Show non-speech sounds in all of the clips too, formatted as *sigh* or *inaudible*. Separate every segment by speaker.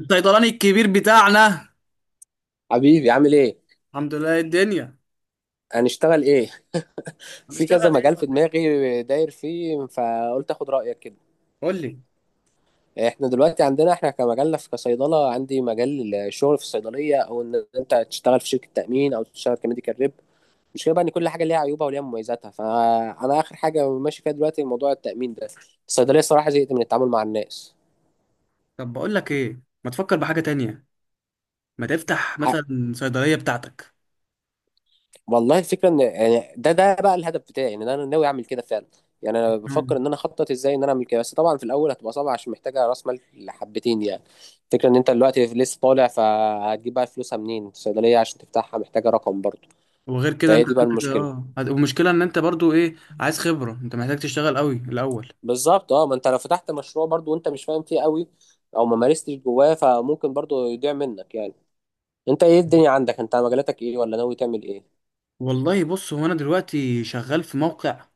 Speaker 1: الصيدلاني الكبير بتاعنا.
Speaker 2: حبيبي، عامل ايه؟
Speaker 1: الحمد لله، إيه الدنيا؟
Speaker 2: هنشتغل ايه؟ *laughs* في كذا
Speaker 1: هنشتغل ايه
Speaker 2: مجال
Speaker 1: ولا
Speaker 2: في
Speaker 1: إيه؟
Speaker 2: دماغي داير فيه، فقلت اخد رايك كده.
Speaker 1: قول لي.
Speaker 2: احنا دلوقتي عندنا كمجالنا في كصيدله، عندي مجال الشغل في الصيدليه، او ان انت تشتغل في شركه تامين او تشتغل كميديكال ريب. مش كده بقى، ان كل حاجه ليها عيوبها وليها مميزاتها، فانا اخر حاجه ماشي فيها دلوقتي موضوع التامين ده. الصيدليه الصراحه زهقت من التعامل مع الناس.
Speaker 1: طب بقول لك ايه، ما تفكر بحاجة تانية؟ ما تفتح مثلا صيدلية بتاعتك.
Speaker 2: والله الفكره ان يعني ده بقى الهدف بتاعي، ان انا ناوي اعمل كده فعلا. يعني انا بفكر
Speaker 1: مم.
Speaker 2: ان انا اخطط ازاي ان انا اعمل كده، بس طبعا في الاول هتبقى صعبه، عشان محتاجه راس مال حبتين يعني. الفكره ان انت دلوقتي لسه طالع، فهتجيب بقى فلوسها منين؟ الصيدليه عشان تفتحها محتاجه رقم برضه.
Speaker 1: وغير كده
Speaker 2: فهي
Speaker 1: انت
Speaker 2: دي بقى
Speaker 1: عندك
Speaker 2: المشكله.
Speaker 1: والمشكلة ان انت برضو ايه، عايز خبرة، انت محتاج تشتغل قوي الاول.
Speaker 2: بالظبط اه، ما انت لو فتحت مشروع برضه وانت مش فاهم فيه قوي او ما مارستش جواه، فممكن برضه يضيع منك يعني. انت ايه الدنيا عندك؟ انت مجالاتك ايه ولا ناوي تعمل ايه؟
Speaker 1: والله بص، هو انا دلوقتي شغال في موقع،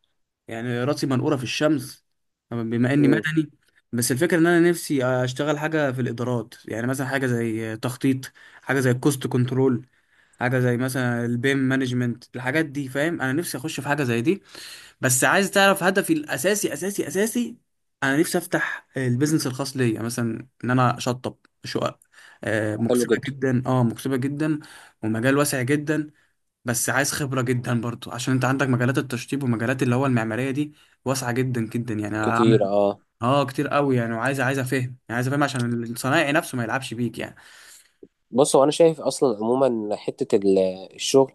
Speaker 1: يعني راسي منقورة في الشمس بما اني
Speaker 2: امم.
Speaker 1: مدني. بس الفكرة ان انا نفسي اشتغل حاجة في الادارات، يعني مثلا حاجة زي تخطيط، حاجة زي الكوست كنترول، حاجه زي مثلا البيم مانجمنت. الحاجات دي فاهم، انا نفسي اخش في حاجه زي دي. بس عايز تعرف هدفي الاساسي اساسي اساسي، انا نفسي افتح البيزنس الخاص ليا، مثلا ان انا اشطب شقق.
Speaker 2: حلو
Speaker 1: مكسبه
Speaker 2: جدا.
Speaker 1: جدا، اه مكسبه جدا ومجال واسع جدا. بس عايز خبره جدا برضو، عشان انت عندك مجالات التشطيب ومجالات اللي هو المعماريه دي واسعه جدا جدا. يعني انا
Speaker 2: كتير
Speaker 1: اعمل،
Speaker 2: اه.
Speaker 1: اه كتير قوي يعني. وعايز افهم، عايز افهم عشان الصنايعي نفسه ما يلعبش بيك يعني.
Speaker 2: بص، هو انا شايف اصلا عموما حته الشغل،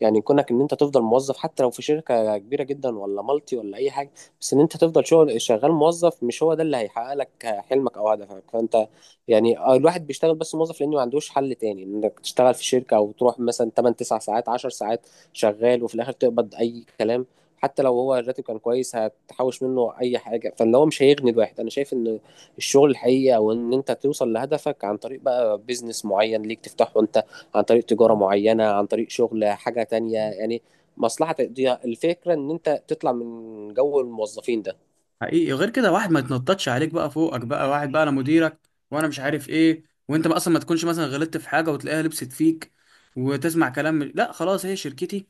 Speaker 2: يعني كونك ان انت تفضل موظف حتى لو في شركه كبيره جدا ولا مالتي ولا اي حاجه، بس ان انت تفضل شغال موظف، مش هو ده اللي هيحقق لك حلمك او هدفك. فانت يعني آه، الواحد بيشتغل بس موظف لانه ما عندوش حل تاني. انك تشتغل في شركه او تروح مثلا 8 9 ساعات 10 ساعات شغال، وفي الاخر تقبض اي كلام. حتى لو هو الراتب كان كويس، هتحوش منه اي حاجه؟ فاللي هو مش هيغني الواحد. انا شايف ان الشغل الحقيقي او ان انت توصل لهدفك عن طريق بقى بيزنس معين ليك تفتحه انت، عن طريق تجاره معينه، عن طريق شغل حاجه تانية يعني، مصلحه تقضيها. الفكره ان انت تطلع من جو الموظفين ده.
Speaker 1: حقيقي، غير كده واحد ما يتنططش عليك بقى، فوقك بقى واحد بقى انا مديرك وانا مش عارف ايه، وانت ما اصلا ما تكونش مثلا غلطت في حاجه وتلاقيها لبست فيك وتسمع كلام لا خلاص، هي شركتي.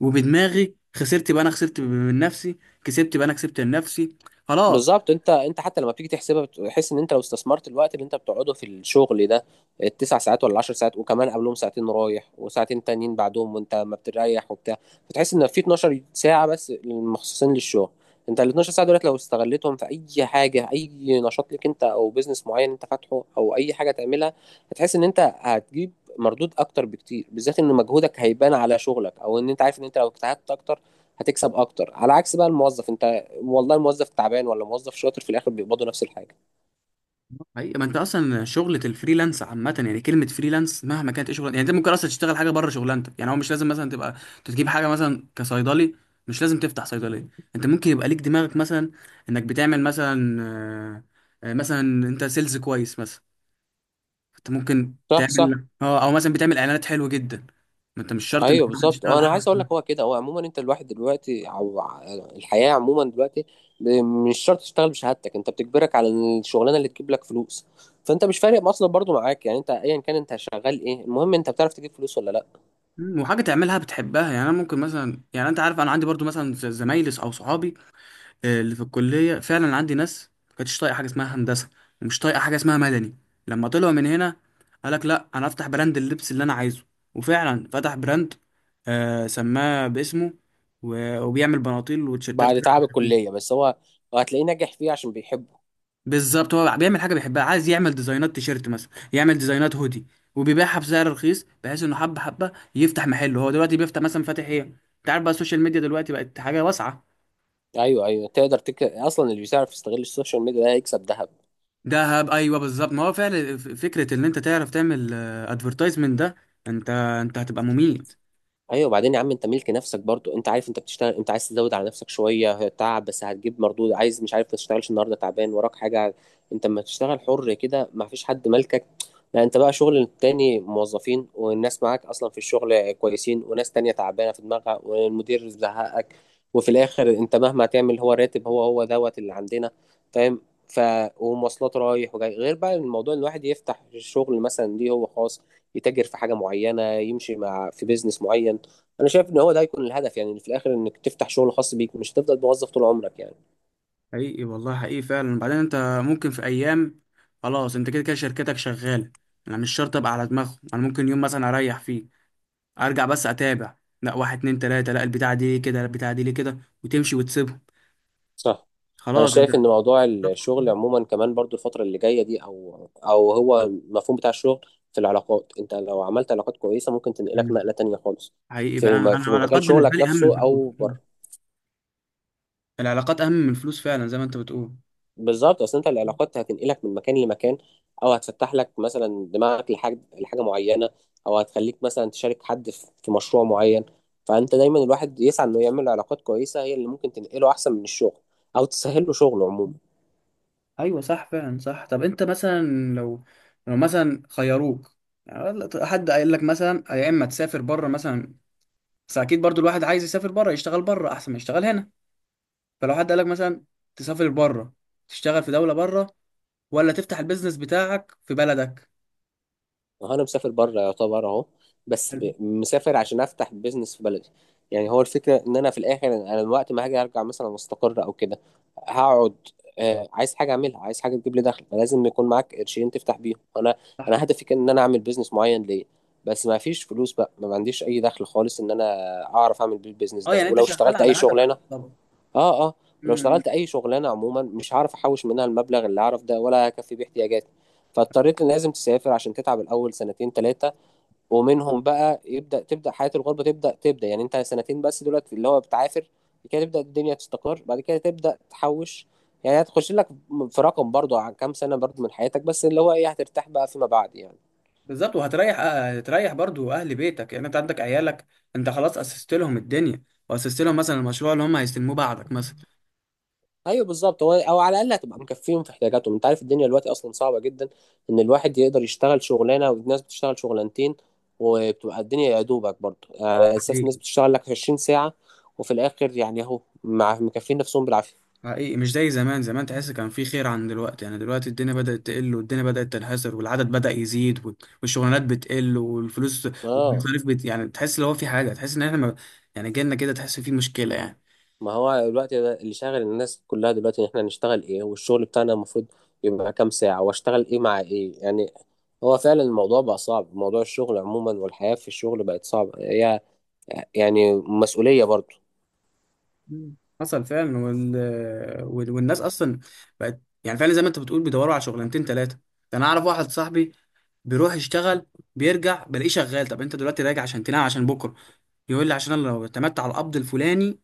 Speaker 1: وبدماغي خسرت بقى، انا خسرت من نفسي. كسبت بقى، انا كسبت من نفسي. خلاص.
Speaker 2: بالظبط. انت حتى لما بتيجي تحسبها، بتحس ان انت لو استثمرت الوقت اللي انت بتقعده في الشغل ده، التسع ساعات ولا العشر ساعات، وكمان قبلهم ساعتين رايح وساعتين تانيين بعدهم، وانت ما بتريح وبتاع، فتحس ان في 12 ساعة بس مخصصين للشغل. انت ال 12 ساعة دولت لو استغلتهم في اي حاجة، اي نشاط ليك انت او بيزنس معين انت فاتحه او اي حاجة تعملها، هتحس ان انت هتجيب مردود اكتر بكتير، بالذات ان مجهودك هيبان على شغلك، او ان انت عارف ان انت لو اجتهدت اكتر هتكسب اكتر، على عكس بقى الموظف. انت والله الموظف تعبان ولا موظف شاطر، في الاخر بيقبضوا نفس الحاجه.
Speaker 1: حقيقة، ما انت اصلا شغلة الفريلانس عامة، يعني كلمة فريلانس مهما كانت ايه شغلانة، يعني انت ممكن اصلا تشتغل حاجة بره شغلانتك. يعني هو مش لازم مثلا تبقى تجيب حاجة مثلا كصيدلي، مش لازم تفتح صيدلية. انت ممكن يبقى ليك دماغك، مثلا انك بتعمل مثلا، مثلا انت سيلز كويس، مثلا انت ممكن
Speaker 2: صح، صح.
Speaker 1: تعمل اه، او مثلا بتعمل اعلانات حلوة جدا. ما انت مش شرط
Speaker 2: ايوه
Speaker 1: انك مثلاً
Speaker 2: بالظبط،
Speaker 1: تشتغل
Speaker 2: انا عايز اقول
Speaker 1: حاجة.
Speaker 2: لك هو كده. هو عموما انت الواحد دلوقتي او الحياه عموما دلوقتي، ب- مش شرط تشتغل بشهادتك، انت بتجبرك على الشغلانه اللي تجيب لك فلوس. فانت مش فارق اصلا برضو معاك، يعني انت ايا كان انت شغال ايه، المهم انت بتعرف تجيب فلوس ولا لا.
Speaker 1: وحاجة تعملها بتحبها. يعني انا ممكن مثلا، يعني انت عارف، انا عندي برضو مثلا زمايلي او صحابي اللي في الكلية، فعلا عندي ناس ما كانتش طايقة حاجة اسمها هندسة ومش طايقة حاجة اسمها مدني. لما طلعوا من هنا، قالك لا أنا أفتح براند اللبس اللي أنا عايزه. وفعلا فتح براند، آه سماه باسمه، وبيعمل بناطيل وتيشيرتات
Speaker 2: بعد
Speaker 1: كده
Speaker 2: تعب
Speaker 1: على خفيف.
Speaker 2: الكليه بس، هو هتلاقيه ناجح فيه عشان بيحبه.
Speaker 1: بالظبط، هو بيعمل حاجة بيحبها، عايز يعمل ديزاينات تيشيرت، مثلا يعمل ديزاينات هودي، وبيبيعها بسعر رخيص بحيث انه حبة حبة يفتح محله. هو دلوقتي بيفتح مثلا، فاتح ايه انت عارف بقى، السوشيال ميديا دلوقتي بقت حاجة واسعة.
Speaker 2: ايوه، ايوه، تقدر اصلا اللي بيعرف يستغل السوشيال ميديا ده هيكسب ذهب.
Speaker 1: دهب، ايوه بالظبط. ما هو فعلا فكره ان انت تعرف تعمل ادفرتايزمنت ده، انت هتبقى مميت.
Speaker 2: ايوه، وبعدين يا عم انت ملك نفسك برضو، انت عارف انت بتشتغل، انت عايز تزود على نفسك شويه تعب بس هتجيب مردود. عايز مش عارف، ما تشتغلش النهارده تعبان وراك حاجه. انت لما تشتغل حر كده ما فيش حد مالكك. لا انت بقى شغل التاني، موظفين والناس معاك اصلا في الشغل كويسين، وناس تانية تعبانه في دماغها والمدير زهقك، وفي الاخر انت مهما تعمل هو راتب، هو هو دوت اللي عندنا. فاهم؟ ف، ومواصلات رايح وجاي، غير بقى الموضوع ان الواحد يفتح شغل مثلا ليه هو خاص، يتاجر في حاجه معينه، يمشي مع في بيزنس معين. انا شايف ان هو ده هيكون الهدف، يعني في الاخر انك تفتح شغل خاص بيك، مش هتفضل موظف طول عمرك يعني.
Speaker 1: حقيقي والله، حقيقي فعلا. وبعدين انت ممكن في ايام، خلاص انت كده كده شركتك شغاله، انا مش شرط ابقى على دماغهم. انا ممكن يوم مثلا اريح فيه، ارجع بس اتابع. لا، واحد اتنين تلاته، لا البتاعه دي ليه كده، لا البتاعه دي ليه كده، وتمشي وتسيبهم.
Speaker 2: صح. انا
Speaker 1: خلاص انت.
Speaker 2: شايف ان موضوع
Speaker 1: بالظبط.
Speaker 2: الشغل عموما كمان برضو الفتره اللي جايه دي، او او هو المفهوم بتاع الشغل في العلاقات. انت لو عملت علاقات كويسه ممكن تنقلك
Speaker 1: مم.
Speaker 2: نقله تانية خالص.
Speaker 1: حقيقي،
Speaker 2: في
Speaker 1: فانا انا
Speaker 2: في مجال
Speaker 1: العلاقات بالنسبه
Speaker 2: شغلك
Speaker 1: لي اهم من
Speaker 2: نفسه
Speaker 1: الفلوس.
Speaker 2: او
Speaker 1: مم.
Speaker 2: بره.
Speaker 1: العلاقات اهم من الفلوس فعلا، زي ما انت بتقول.
Speaker 2: بالظبط، اصل انت العلاقات هتنقلك من مكان لمكان، او هتفتح لك مثلا دماغك لحاجه معينه، او هتخليك مثلا تشارك حد في مشروع معين. فانت دايما الواحد يسعى انه يعمل علاقات كويسه، هي اللي ممكن تنقله احسن من الشغل، او تسهل له شغله عموما.
Speaker 1: ايوه صح، فعلا صح. طب انت مثلا، لو، لو مثلا خيروك، يعني حد قايل لك مثلا يا اما تسافر بره مثلا، بس اكيد برضو الواحد عايز يسافر بره، يشتغل بره احسن ما يشتغل هنا. فلو حد قال لك مثلا تسافر بره، تشتغل في دوله بره، ولا تفتح البيزنس بتاعك في بلدك؟
Speaker 2: هو انا مسافر بره يعتبر اهو، بس
Speaker 1: حلو.
Speaker 2: مسافر عشان افتح بيزنس في بلدي. يعني هو الفكره ان انا في الاخر، انا الوقت ما هاجي ارجع مثلا مستقر او كده، هقعد آه، عايز حاجه اعملها، عايز حاجه تجيب لي دخل. فلازم يكون معاك قرشين تفتح بيهم. انا
Speaker 1: صح.
Speaker 2: انا هدفي كان ان انا اعمل بيزنس معين ليا، بس ما فيش فلوس بقى، ما عنديش اي دخل خالص ان انا اعرف اعمل بيه البيزنس
Speaker 1: اه،
Speaker 2: ده.
Speaker 1: يعني انت
Speaker 2: ولو
Speaker 1: شغال
Speaker 2: اشتغلت
Speaker 1: على
Speaker 2: اي
Speaker 1: هدفك
Speaker 2: شغلانه،
Speaker 1: طبعا.
Speaker 2: اه اه، ولو
Speaker 1: امم.
Speaker 2: اشتغلت اي شغلانه عموما مش هعرف احوش منها المبلغ اللي اعرف ده، ولا هكفي بيه احتياجاتي. فاضطريت ان لازم تسافر عشان تتعب الاول سنتين ثلاثه، ومنهم بقى يبدا تبدا حياه الغربه، تبدا تبدا يعني. انت سنتين بس دلوقتي اللي هو بتعافر، بعد كده تبدا الدنيا تستقر، بعد كده تبدا تحوش. يعني هتخش لك في رقم برضو عن كام سنه برضو من حياتك، بس اللي هو ايه، هترتاح بقى فيما بعد يعني.
Speaker 1: بالظبط، وهتريح، هتريح برضو اهل بيتك. يعني انت عندك عيالك، انت خلاص اسست لهم الدنيا، واسست لهم مثلا المشروع اللي هم هيستلموه بعدك مثلا.
Speaker 2: ايوه بالظبط، هو او على الاقل هتبقى مكفيهم في احتياجاتهم. انت عارف الدنيا دلوقتي اصلا صعبه جدا، ان الواحد يقدر يشتغل شغلانه، والناس بتشتغل شغلانتين، وبتبقى الدنيا يا دوبك برضه. على اساس
Speaker 1: صحيح.
Speaker 2: الناس بتشتغل لك 20 ساعه، وفي الاخر يعني اهو مع مكفين نفسهم بالعافيه.
Speaker 1: حقيقي، مش زي زمان. زمان تحس كان في خير عن دلوقتي، يعني دلوقتي الدنيا بدأت تقل، والدنيا بدأت تنحسر، والعدد بدأ يزيد، والشغلانات بتقل، والفلوس
Speaker 2: اه،
Speaker 1: والمصاريف بت... يعني تحس لو في حاجة، تحس ان احنا ما... يعني جيلنا كده تحس في مشكلة يعني.
Speaker 2: ما هو دلوقتي ده اللي شاغل الناس كلها دلوقتي، ان احنا هنشتغل ايه، والشغل بتاعنا المفروض يبقى كام ساعه، واشتغل ايه مع ايه يعني. هو فعلا الموضوع بقى صعب، موضوع الشغل عموما والحياه في الشغل بقت صعبه، هي يعني مسؤوليه برضه.
Speaker 1: مم. حصل فعلا. وال... وال... والناس اصلا بقت، يعني فعلا زي ما انت بتقول، بيدوروا على شغلانتين ثلاثة. ده انا اعرف واحد صاحبي، بيروح يشتغل، بيرجع بلاقيه شغال. طب انت دلوقتي راجع عشان تنام عشان بكرة؟ يقول لي عشان انا لو اعتمدت على القبض الفلاني،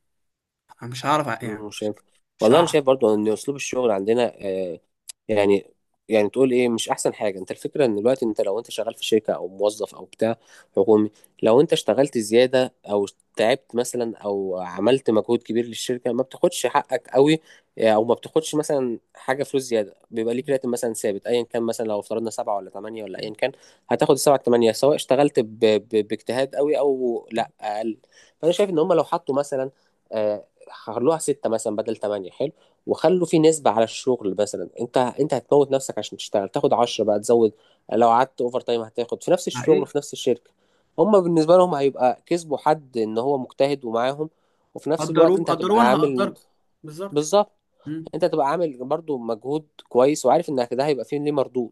Speaker 1: انا مش هعرف يعني
Speaker 2: مم،
Speaker 1: مش
Speaker 2: شايف.
Speaker 1: مش
Speaker 2: والله انا
Speaker 1: هعرف.
Speaker 2: شايف برضو ان اسلوب الشغل عندنا آه، يعني، يعني تقول ايه مش احسن حاجه. انت الفكره ان دلوقتي انت لو انت شغال في شركه او موظف او بتاع حكومي، لو انت اشتغلت زياده او تعبت مثلا او عملت مجهود كبير للشركه، ما بتاخدش حقك قوي. او ما بتاخدش مثلا حاجه فلوس زياده. بيبقى ليك راتب مثلا ثابت ايا كان، مثلا لو افترضنا سبعه ولا ثمانيه ولا ايا كان، هتاخد السبعه الثمانيه سواء اشتغلت باجتهاد قوي او لا اقل. فانا شايف ان هم لو حطوا مثلا آه، خلوها ستة مثلا بدل تمانية، حلو، وخلوا في نسبة على الشغل. مثلا انت هتموت نفسك عشان تشتغل تاخد عشرة بقى، تزود، لو قعدت اوفر تايم هتاخد في نفس الشغل
Speaker 1: حقيقي.
Speaker 2: وفي نفس الشركة. هما بالنسبة لهم هيبقى كسبوا حد ان هو مجتهد ومعاهم، وفي نفس الوقت
Speaker 1: قدروه
Speaker 2: انت
Speaker 1: قدروه
Speaker 2: هتبقى
Speaker 1: وانا
Speaker 2: عامل.
Speaker 1: هقدركم. بالظبط.
Speaker 2: بالظبط،
Speaker 1: مم.
Speaker 2: انت هتبقى عامل برضو مجهود كويس، وعارف انك ده هيبقى فيه ليه مردود.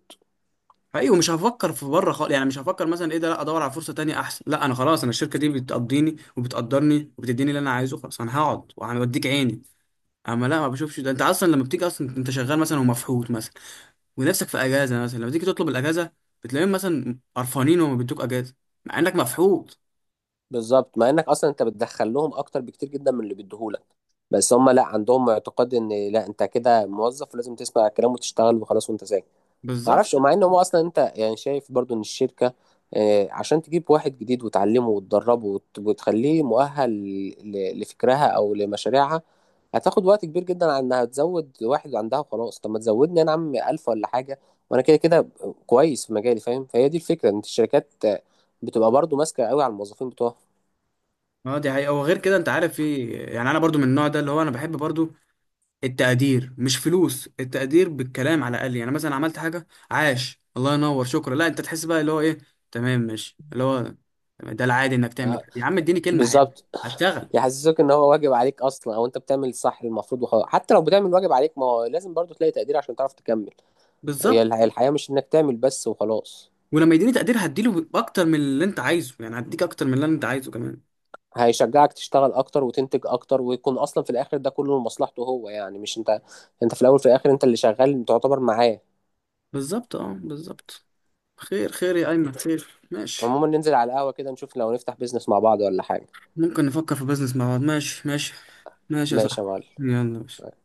Speaker 1: حقيقي، ومش هفكر في بره خالص، يعني مش هفكر مثلا ايه ده، لا ادور على فرصه تانية احسن، لا انا خلاص، انا الشركه دي بتقضيني وبتقدرني وبتديني اللي انا عايزه، خلاص انا هقعد وهوديك عيني. اما لا، ما بشوفش ده. انت اصلا لما بتيجي، اصلا انت شغال مثلا ومفحوط مثلا ونفسك في اجازه، مثلا لما تيجي تطلب الاجازه بتلاقيهم مثلا قرفانين وما بيدوك اجازه مع انك مفحوط.
Speaker 2: بالظبط، مع انك اصلا انت بتدخل لهم اكتر بكتير جدا من اللي بيديهولك، بس هم لا، عندهم اعتقاد ان لا انت كده موظف ولازم تسمع الكلام وتشتغل وخلاص، وانت ساكت.
Speaker 1: بالظبط.
Speaker 2: معرفش، ومع ان هو اصلا انت يعني شايف برضو ان الشركه عشان تجيب واحد جديد وتعلمه وتدربه وت- وتخليه مؤهل لفكرها او لمشاريعها، هتاخد وقت كبير جدا. على انها تزود واحد عندها وخلاص، طب ما تزودني انا يا عم 1000 ولا حاجه، وانا كده كده كويس في مجالي، فاهم. فهي دي الفكره، ان الشركات بتبقى برضو ماسكه قوي على الموظفين بتوعها.
Speaker 1: اه دي حقيقه. وغير كده انت عارف في، يعني انا برضو من النوع ده اللي هو، انا بحب برضو التقدير، مش فلوس، التقدير بالكلام على الاقل. يعني مثلا عملت حاجه، عاش، الله ينور، شكرا. لا انت تحس بقى اللي هو ايه، تمام ماشي اللي هو، ده العادي انك تعمل
Speaker 2: آه،
Speaker 1: كده يا عم، اديني كلمه حلوه
Speaker 2: بالظبط.
Speaker 1: هشتغل.
Speaker 2: يحسسوك ان هو واجب عليك اصلا، او انت بتعمل الصح المفروض وخلاص. حتى لو بتعمل واجب عليك، ما هو لازم برضو تلاقي تقدير عشان تعرف تكمل. هي
Speaker 1: بالظبط.
Speaker 2: الحياة مش انك تعمل بس وخلاص.
Speaker 1: ولما يديني تقدير هديله اكتر من اللي انت عايزه، يعني هديك اكتر من اللي انت عايزه كمان.
Speaker 2: هيشجعك تشتغل اكتر وتنتج اكتر، ويكون اصلا في الاخر ده كله لمصلحته هو، يعني مش انت. انت في الاول في الاخر انت اللي شغال تعتبر معاه.
Speaker 1: بالظبط، اه بالظبط. خير خير يا ايمن، خير ماشي.
Speaker 2: عموما ننزل على القهوة كده، نشوف لو نفتح بيزنس مع بعض ولا حاجة.
Speaker 1: ممكن نفكر في بزنس مع بعض، ماشي ماشي. ماشي يا
Speaker 2: ماشي
Speaker 1: صاحبي.
Speaker 2: يا معلم.
Speaker 1: يلا ماشي.